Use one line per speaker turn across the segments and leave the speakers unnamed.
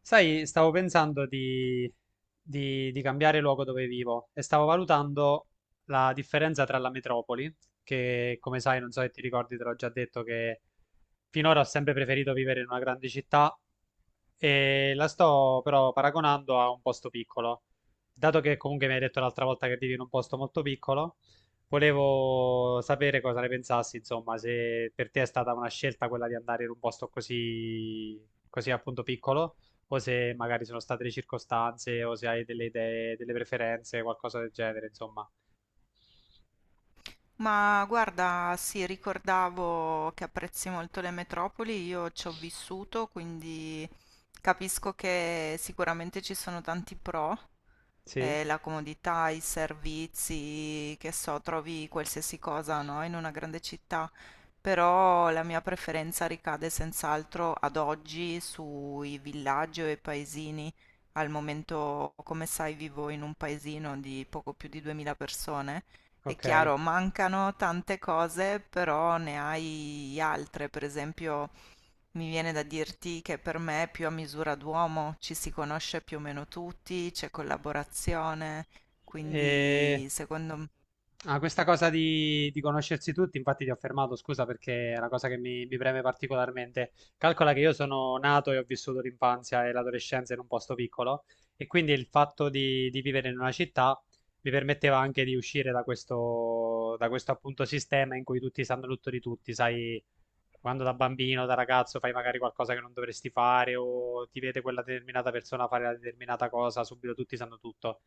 Sai, stavo pensando di cambiare luogo dove vivo e stavo valutando la differenza tra la metropoli, che come sai, non so se ti ricordi, te l'ho già detto che finora ho sempre preferito vivere in una grande città e la sto però paragonando a un posto piccolo. Dato che comunque mi hai detto l'altra volta che vivi in un posto molto piccolo, volevo sapere cosa ne pensassi, insomma, se per te è stata una scelta quella di andare in un posto così, così appunto piccolo, o se magari sono state le circostanze, o se hai delle idee, delle preferenze, qualcosa del genere, insomma.
Ma guarda, sì, ricordavo che apprezzi molto le metropoli, io ci ho vissuto, quindi capisco che sicuramente ci sono tanti pro,
Sì,
la comodità, i servizi, che so, trovi qualsiasi cosa, no? In una grande città. Però la mia preferenza ricade senz'altro ad oggi sui villaggi o i paesini. Al momento, come sai, vivo in un paesino di poco più di 2.000 persone. È
ok.
chiaro, mancano tante cose, però ne hai altre, per esempio. Mi viene da dirti che per me è più a misura d'uomo, ci si conosce più o meno tutti, c'è collaborazione,
E
quindi secondo,
Ah, questa cosa di conoscersi tutti, infatti ti ho fermato, scusa perché è una cosa che mi preme particolarmente. Calcola che io sono nato e ho vissuto l'infanzia e l'adolescenza in un posto piccolo e quindi il fatto di vivere in una città mi permetteva anche di uscire da questo appunto sistema in cui tutti sanno tutto di tutti, sai, quando da bambino, da ragazzo fai magari qualcosa che non dovresti fare o ti vede quella determinata persona fare la determinata cosa, subito tutti sanno tutto.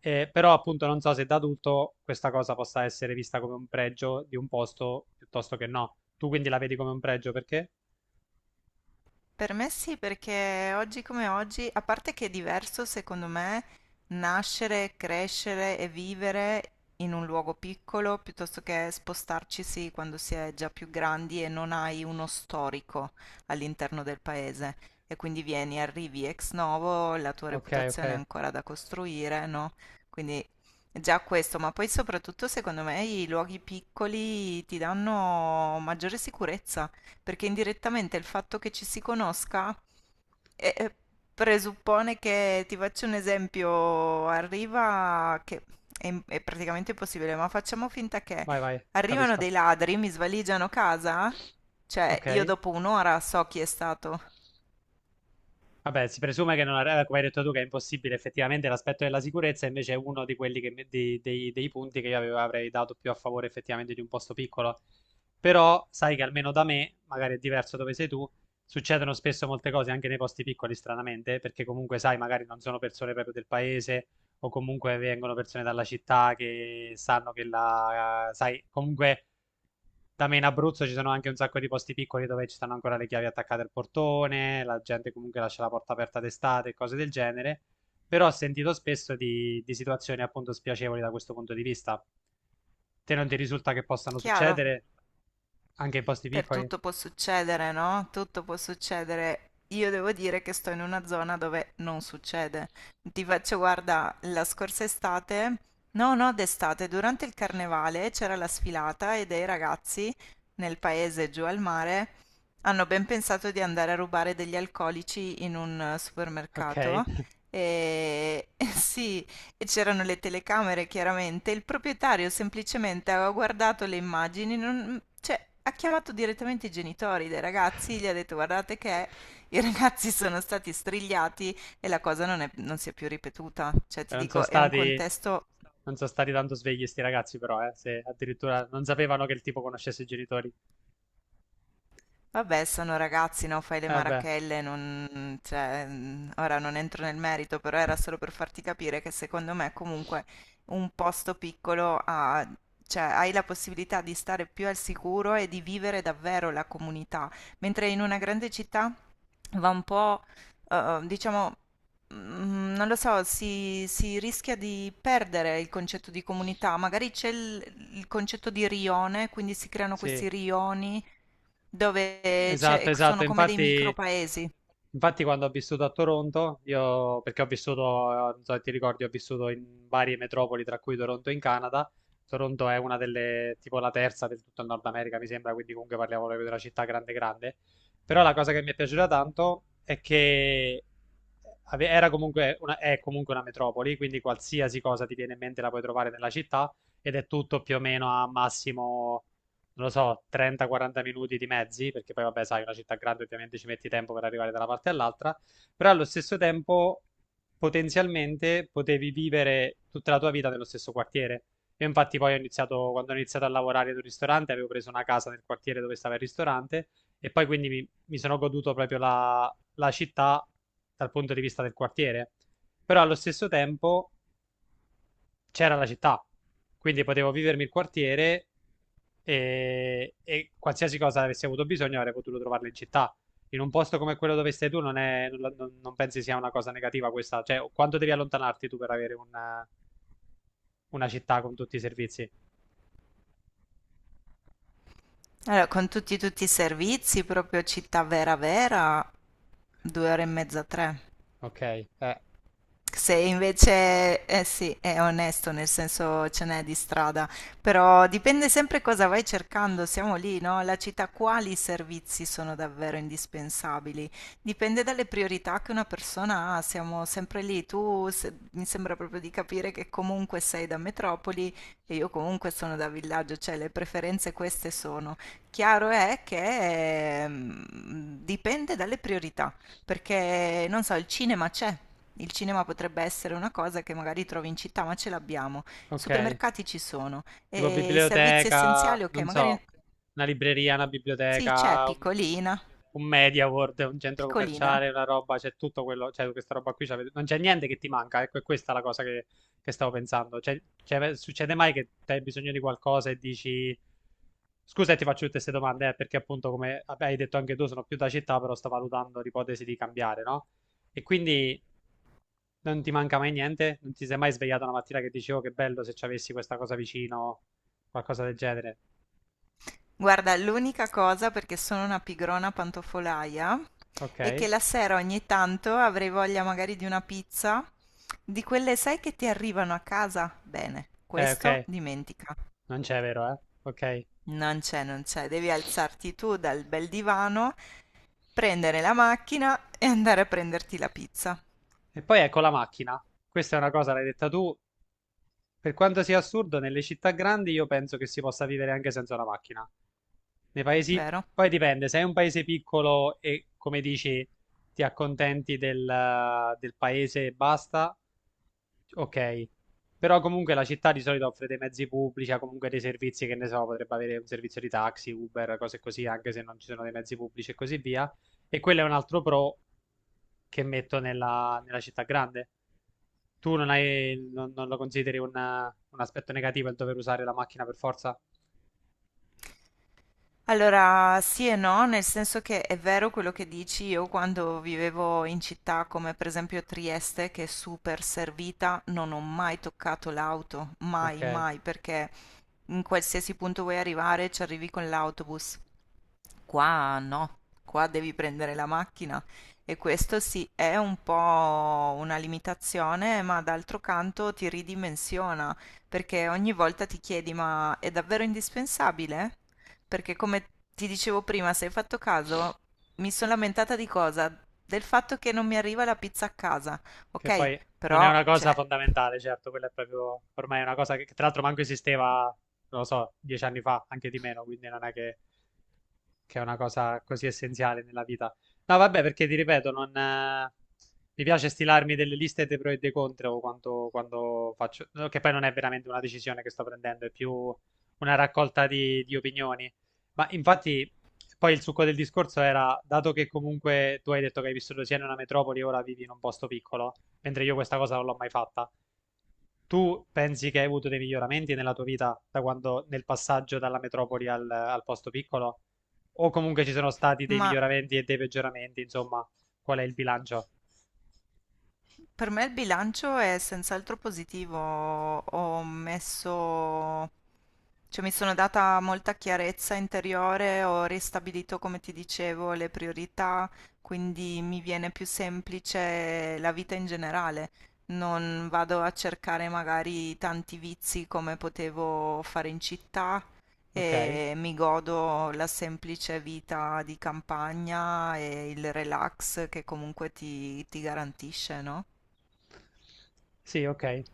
Però appunto non so se da adulto questa cosa possa essere vista come un pregio di un posto piuttosto che no. Tu quindi la vedi come un pregio perché?
Per me sì, perché oggi come oggi, a parte che è diverso secondo me nascere, crescere e vivere in un luogo piccolo piuttosto che spostarcisi quando si è già più grandi e non hai uno storico all'interno del paese. E quindi vieni, arrivi ex novo, la tua
Ok,
reputazione è
ok,
ancora da costruire, no? Quindi già questo, ma poi soprattutto secondo me i luoghi piccoli ti danno maggiore sicurezza perché indirettamente il fatto che ci si conosca eh, eh, presuppone che, ti faccio un esempio, arriva, che è praticamente impossibile, ma facciamo finta che
vai, vai,
arrivano
capisco.
dei ladri, mi svaligiano casa, cioè
Ok.
io dopo un'ora so chi è stato,
Vabbè, si presume che non arriva, come hai detto tu, che è impossibile. Effettivamente l'aspetto della sicurezza invece è uno di quelli che me- dei, dei- dei punti che io avrei dato più a favore effettivamente di un posto piccolo. Però sai che almeno da me, magari è diverso dove sei tu, succedono spesso molte cose anche nei posti piccoli, stranamente, perché comunque sai, magari non sono persone proprio del paese o comunque vengono persone dalla città che sanno che la... sai, comunque da me in Abruzzo ci sono anche un sacco di posti piccoli dove ci stanno ancora le chiavi attaccate al portone, la gente comunque lascia la porta aperta d'estate e cose del genere. Però ho sentito spesso di situazioni appunto spiacevoli da questo punto di vista. Te non ti risulta che possano
chiaro?
succedere anche in posti
Per
piccoli?
tutto può succedere, no? Tutto può succedere. Io devo dire che sto in una zona dove non succede. Ti faccio, guarda, la scorsa estate, no, no, d'estate, durante il carnevale c'era la sfilata e dei ragazzi nel paese giù al mare hanno ben pensato di andare a rubare degli alcolici in un
Ok.
supermercato. E sì, e c'erano le telecamere chiaramente, il proprietario semplicemente aveva guardato le immagini, cioè ha chiamato direttamente i genitori dei ragazzi, gli ha detto guardate che i ragazzi sono stati strigliati e la cosa non si è più ripetuta. Cioè ti
Non sono
dico, è un
stati,
contesto.
non sono stati tanto svegli sti ragazzi però, se addirittura non sapevano che il tipo conoscesse i genitori.
Vabbè, sono ragazzi, no? Fai le
Eh beh,
marachelle, non... cioè, mm, ora non entro nel merito, però era solo per farti capire che secondo me comunque un posto piccolo ha... cioè, hai la possibilità di stare più al sicuro e di vivere davvero la comunità, mentre in una grande città va un po', diciamo, non lo so, si rischia di perdere il concetto di comunità, magari c'è il concetto di rione, quindi si creano questi
sì,
rioni
esatto, esatto.
sono come dei micro
Infatti
paesi.
Infatti, quando ho vissuto a Toronto, io, perché ho vissuto, non so se ti ricordi, ho vissuto in varie metropoli, tra cui Toronto in Canada. Toronto è una delle, tipo la terza del tutto il Nord America, mi sembra, quindi comunque parliamo proprio della città grande grande. Però la cosa che mi è piaciuta tanto è che era comunque è comunque una metropoli, quindi qualsiasi cosa ti viene in mente la puoi trovare nella città ed è tutto più o meno a massimo non lo so, 30-40 minuti di mezzi, perché poi vabbè, sai, una città grande ovviamente ci metti tempo per arrivare da una parte all'altra, però allo stesso tempo potenzialmente potevi vivere tutta la tua vita nello stesso quartiere. Io infatti poi ho iniziato, quando ho iniziato a lavorare in un ristorante, avevo preso una casa nel quartiere dove stava il ristorante e poi quindi mi sono goduto proprio la città dal punto di vista del quartiere. Però allo stesso tempo c'era la città, quindi potevo vivermi il quartiere e qualsiasi cosa avessi avuto bisogno avrei potuto trovarla in città. In un posto come quello dove stai tu non, è, non, non pensi sia una cosa negativa questa? Cioè, quanto devi allontanarti tu per avere una città con tutti i servizi?
Allora, con tutti, tutti i servizi, proprio città vera vera, due ore e mezza, tre.
Ok,
Se invece, eh sì, è onesto, nel senso ce n'è di strada, però dipende sempre cosa vai cercando, siamo lì, no? La città, quali servizi sono davvero indispensabili? Dipende dalle priorità che una persona ha, siamo sempre lì. Tu se- Mi sembra proprio di capire che comunque sei da metropoli e io comunque sono da villaggio, cioè le preferenze queste sono. Chiaro è che dipende dalle priorità, perché non so, il cinema c'è. Il cinema potrebbe essere una cosa che magari trovi in città, ma ce l'abbiamo.
ok.
Supermercati ci sono.
Tipo
E i servizi
biblioteca,
essenziali, ok,
non
magari
so, una libreria, una
sì, c'è
biblioteca,
piccolina,
un Media World, un centro
piccolina.
commerciale, una roba, c'è tutto quello, cioè questa roba qui, non c'è niente che ti manca, ecco, è questa la cosa che stavo pensando. Cioè, cioè, succede mai che te hai bisogno di qualcosa e dici, scusa e ti faccio tutte queste domande, perché appunto come vabbè, hai detto anche tu, sono più da città, però sto valutando l'ipotesi di cambiare, no? E quindi non ti manca mai niente? Non ti sei mai svegliato una mattina che dicevo che bello se ci avessi questa cosa vicino, qualcosa del genere?
Guarda, l'unica cosa, perché sono una pigrona pantofolaia,
Ok?
è che la sera ogni tanto avrei voglia magari di una pizza, di quelle, sai, che ti arrivano a casa? Bene, questo
Ok,
dimentica.
non c'è, vero, eh? Ok. E
Non c'è, non c'è. Devi alzarti tu dal bel divano, prendere la macchina e andare a prenderti la pizza,
poi ecco la macchina. Questa è una cosa, l'hai detta tu. Per quanto sia assurdo, nelle città grandi io penso che si possa vivere anche senza una macchina. Nei paesi...
vero?
Poi dipende, se è un paese piccolo e, come dici, ti accontenti del paese e basta. Ok, però comunque la città di solito offre dei mezzi pubblici, ha comunque dei servizi che ne so, potrebbe avere un servizio di taxi, Uber, cose così, anche se non ci sono dei mezzi pubblici e così via. E quello è un altro pro che metto nella città grande. Tu non hai, non, non lo consideri una- un aspetto negativo il dover usare la macchina per forza?
Allora, sì e no, nel senso che è vero quello che dici, io quando vivevo in città come per esempio Trieste, che è super servita, non ho mai toccato l'auto, mai,
Ok,
mai, perché in qualsiasi punto vuoi arrivare ci arrivi con l'autobus. Qua no, qua devi prendere la macchina e questo sì, è un po' una limitazione, ma d'altro canto ti ridimensiona, perché ogni volta ti chiedi, ma è davvero indispensabile? Perché come ti dicevo prima, se hai fatto caso, mi sono lamentata di cosa? Del fatto che non mi arriva la pizza a casa,
che
ok?
poi non è
Però,
una
cioè,
cosa fondamentale, certo, quella è proprio ormai è una cosa che tra l'altro manco esisteva, non lo so, 10 anni fa, anche di meno, quindi non è che è una cosa così essenziale nella vita. No, vabbè, perché ti ripeto, non, mi piace stilarmi delle liste dei pro e dei contro quando faccio, che poi non è veramente una decisione che sto prendendo, è più una raccolta di opinioni. Ma infatti, poi il succo del discorso era, dato che comunque tu hai detto che hai vissuto sia in una metropoli, ora vivi in un posto piccolo, mentre io questa cosa non l'ho mai fatta. Tu pensi che hai avuto dei miglioramenti nella tua vita da quando, nel passaggio dalla metropoli al posto piccolo? O comunque ci sono stati dei
ma
miglioramenti e dei peggioramenti, insomma, qual è il bilancio?
Per me il bilancio è senz'altro positivo. Ho messo, cioè mi sono data molta chiarezza interiore, ho ristabilito, come ti dicevo, le priorità, quindi mi viene più semplice la vita in generale. Non vado a cercare magari tanti vizi come potevo fare in città
Ok?
e mi godo la semplice vita di campagna e il relax che comunque ti garantisce, no?
Sì, ok,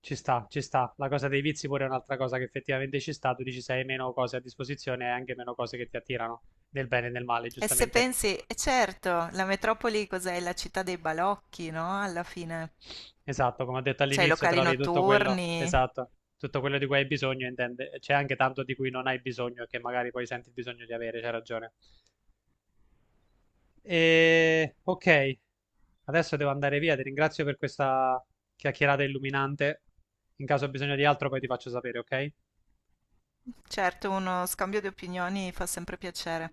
ci sta, ci sta. La cosa dei vizi pure è un'altra cosa che effettivamente ci sta. Tu dici se hai meno cose a disposizione e anche meno cose che ti attirano, nel bene e nel male,
E se
giustamente.
pensi, certo, la metropoli cos'è? La città dei balocchi, no? Alla fine
Esatto, come ho detto
c'è i
all'inizio,
locali
trovi tutto quello,
notturni.
esatto, tutto quello di cui hai bisogno, intende, c'è anche tanto di cui non hai bisogno e che magari poi senti il bisogno di avere, c'è ragione. E, ok, adesso devo andare via, ti ringrazio per questa chiacchierata illuminante. In caso ho bisogno di altro, poi ti faccio sapere, ok?
Certo, uno scambio di opinioni fa sempre piacere.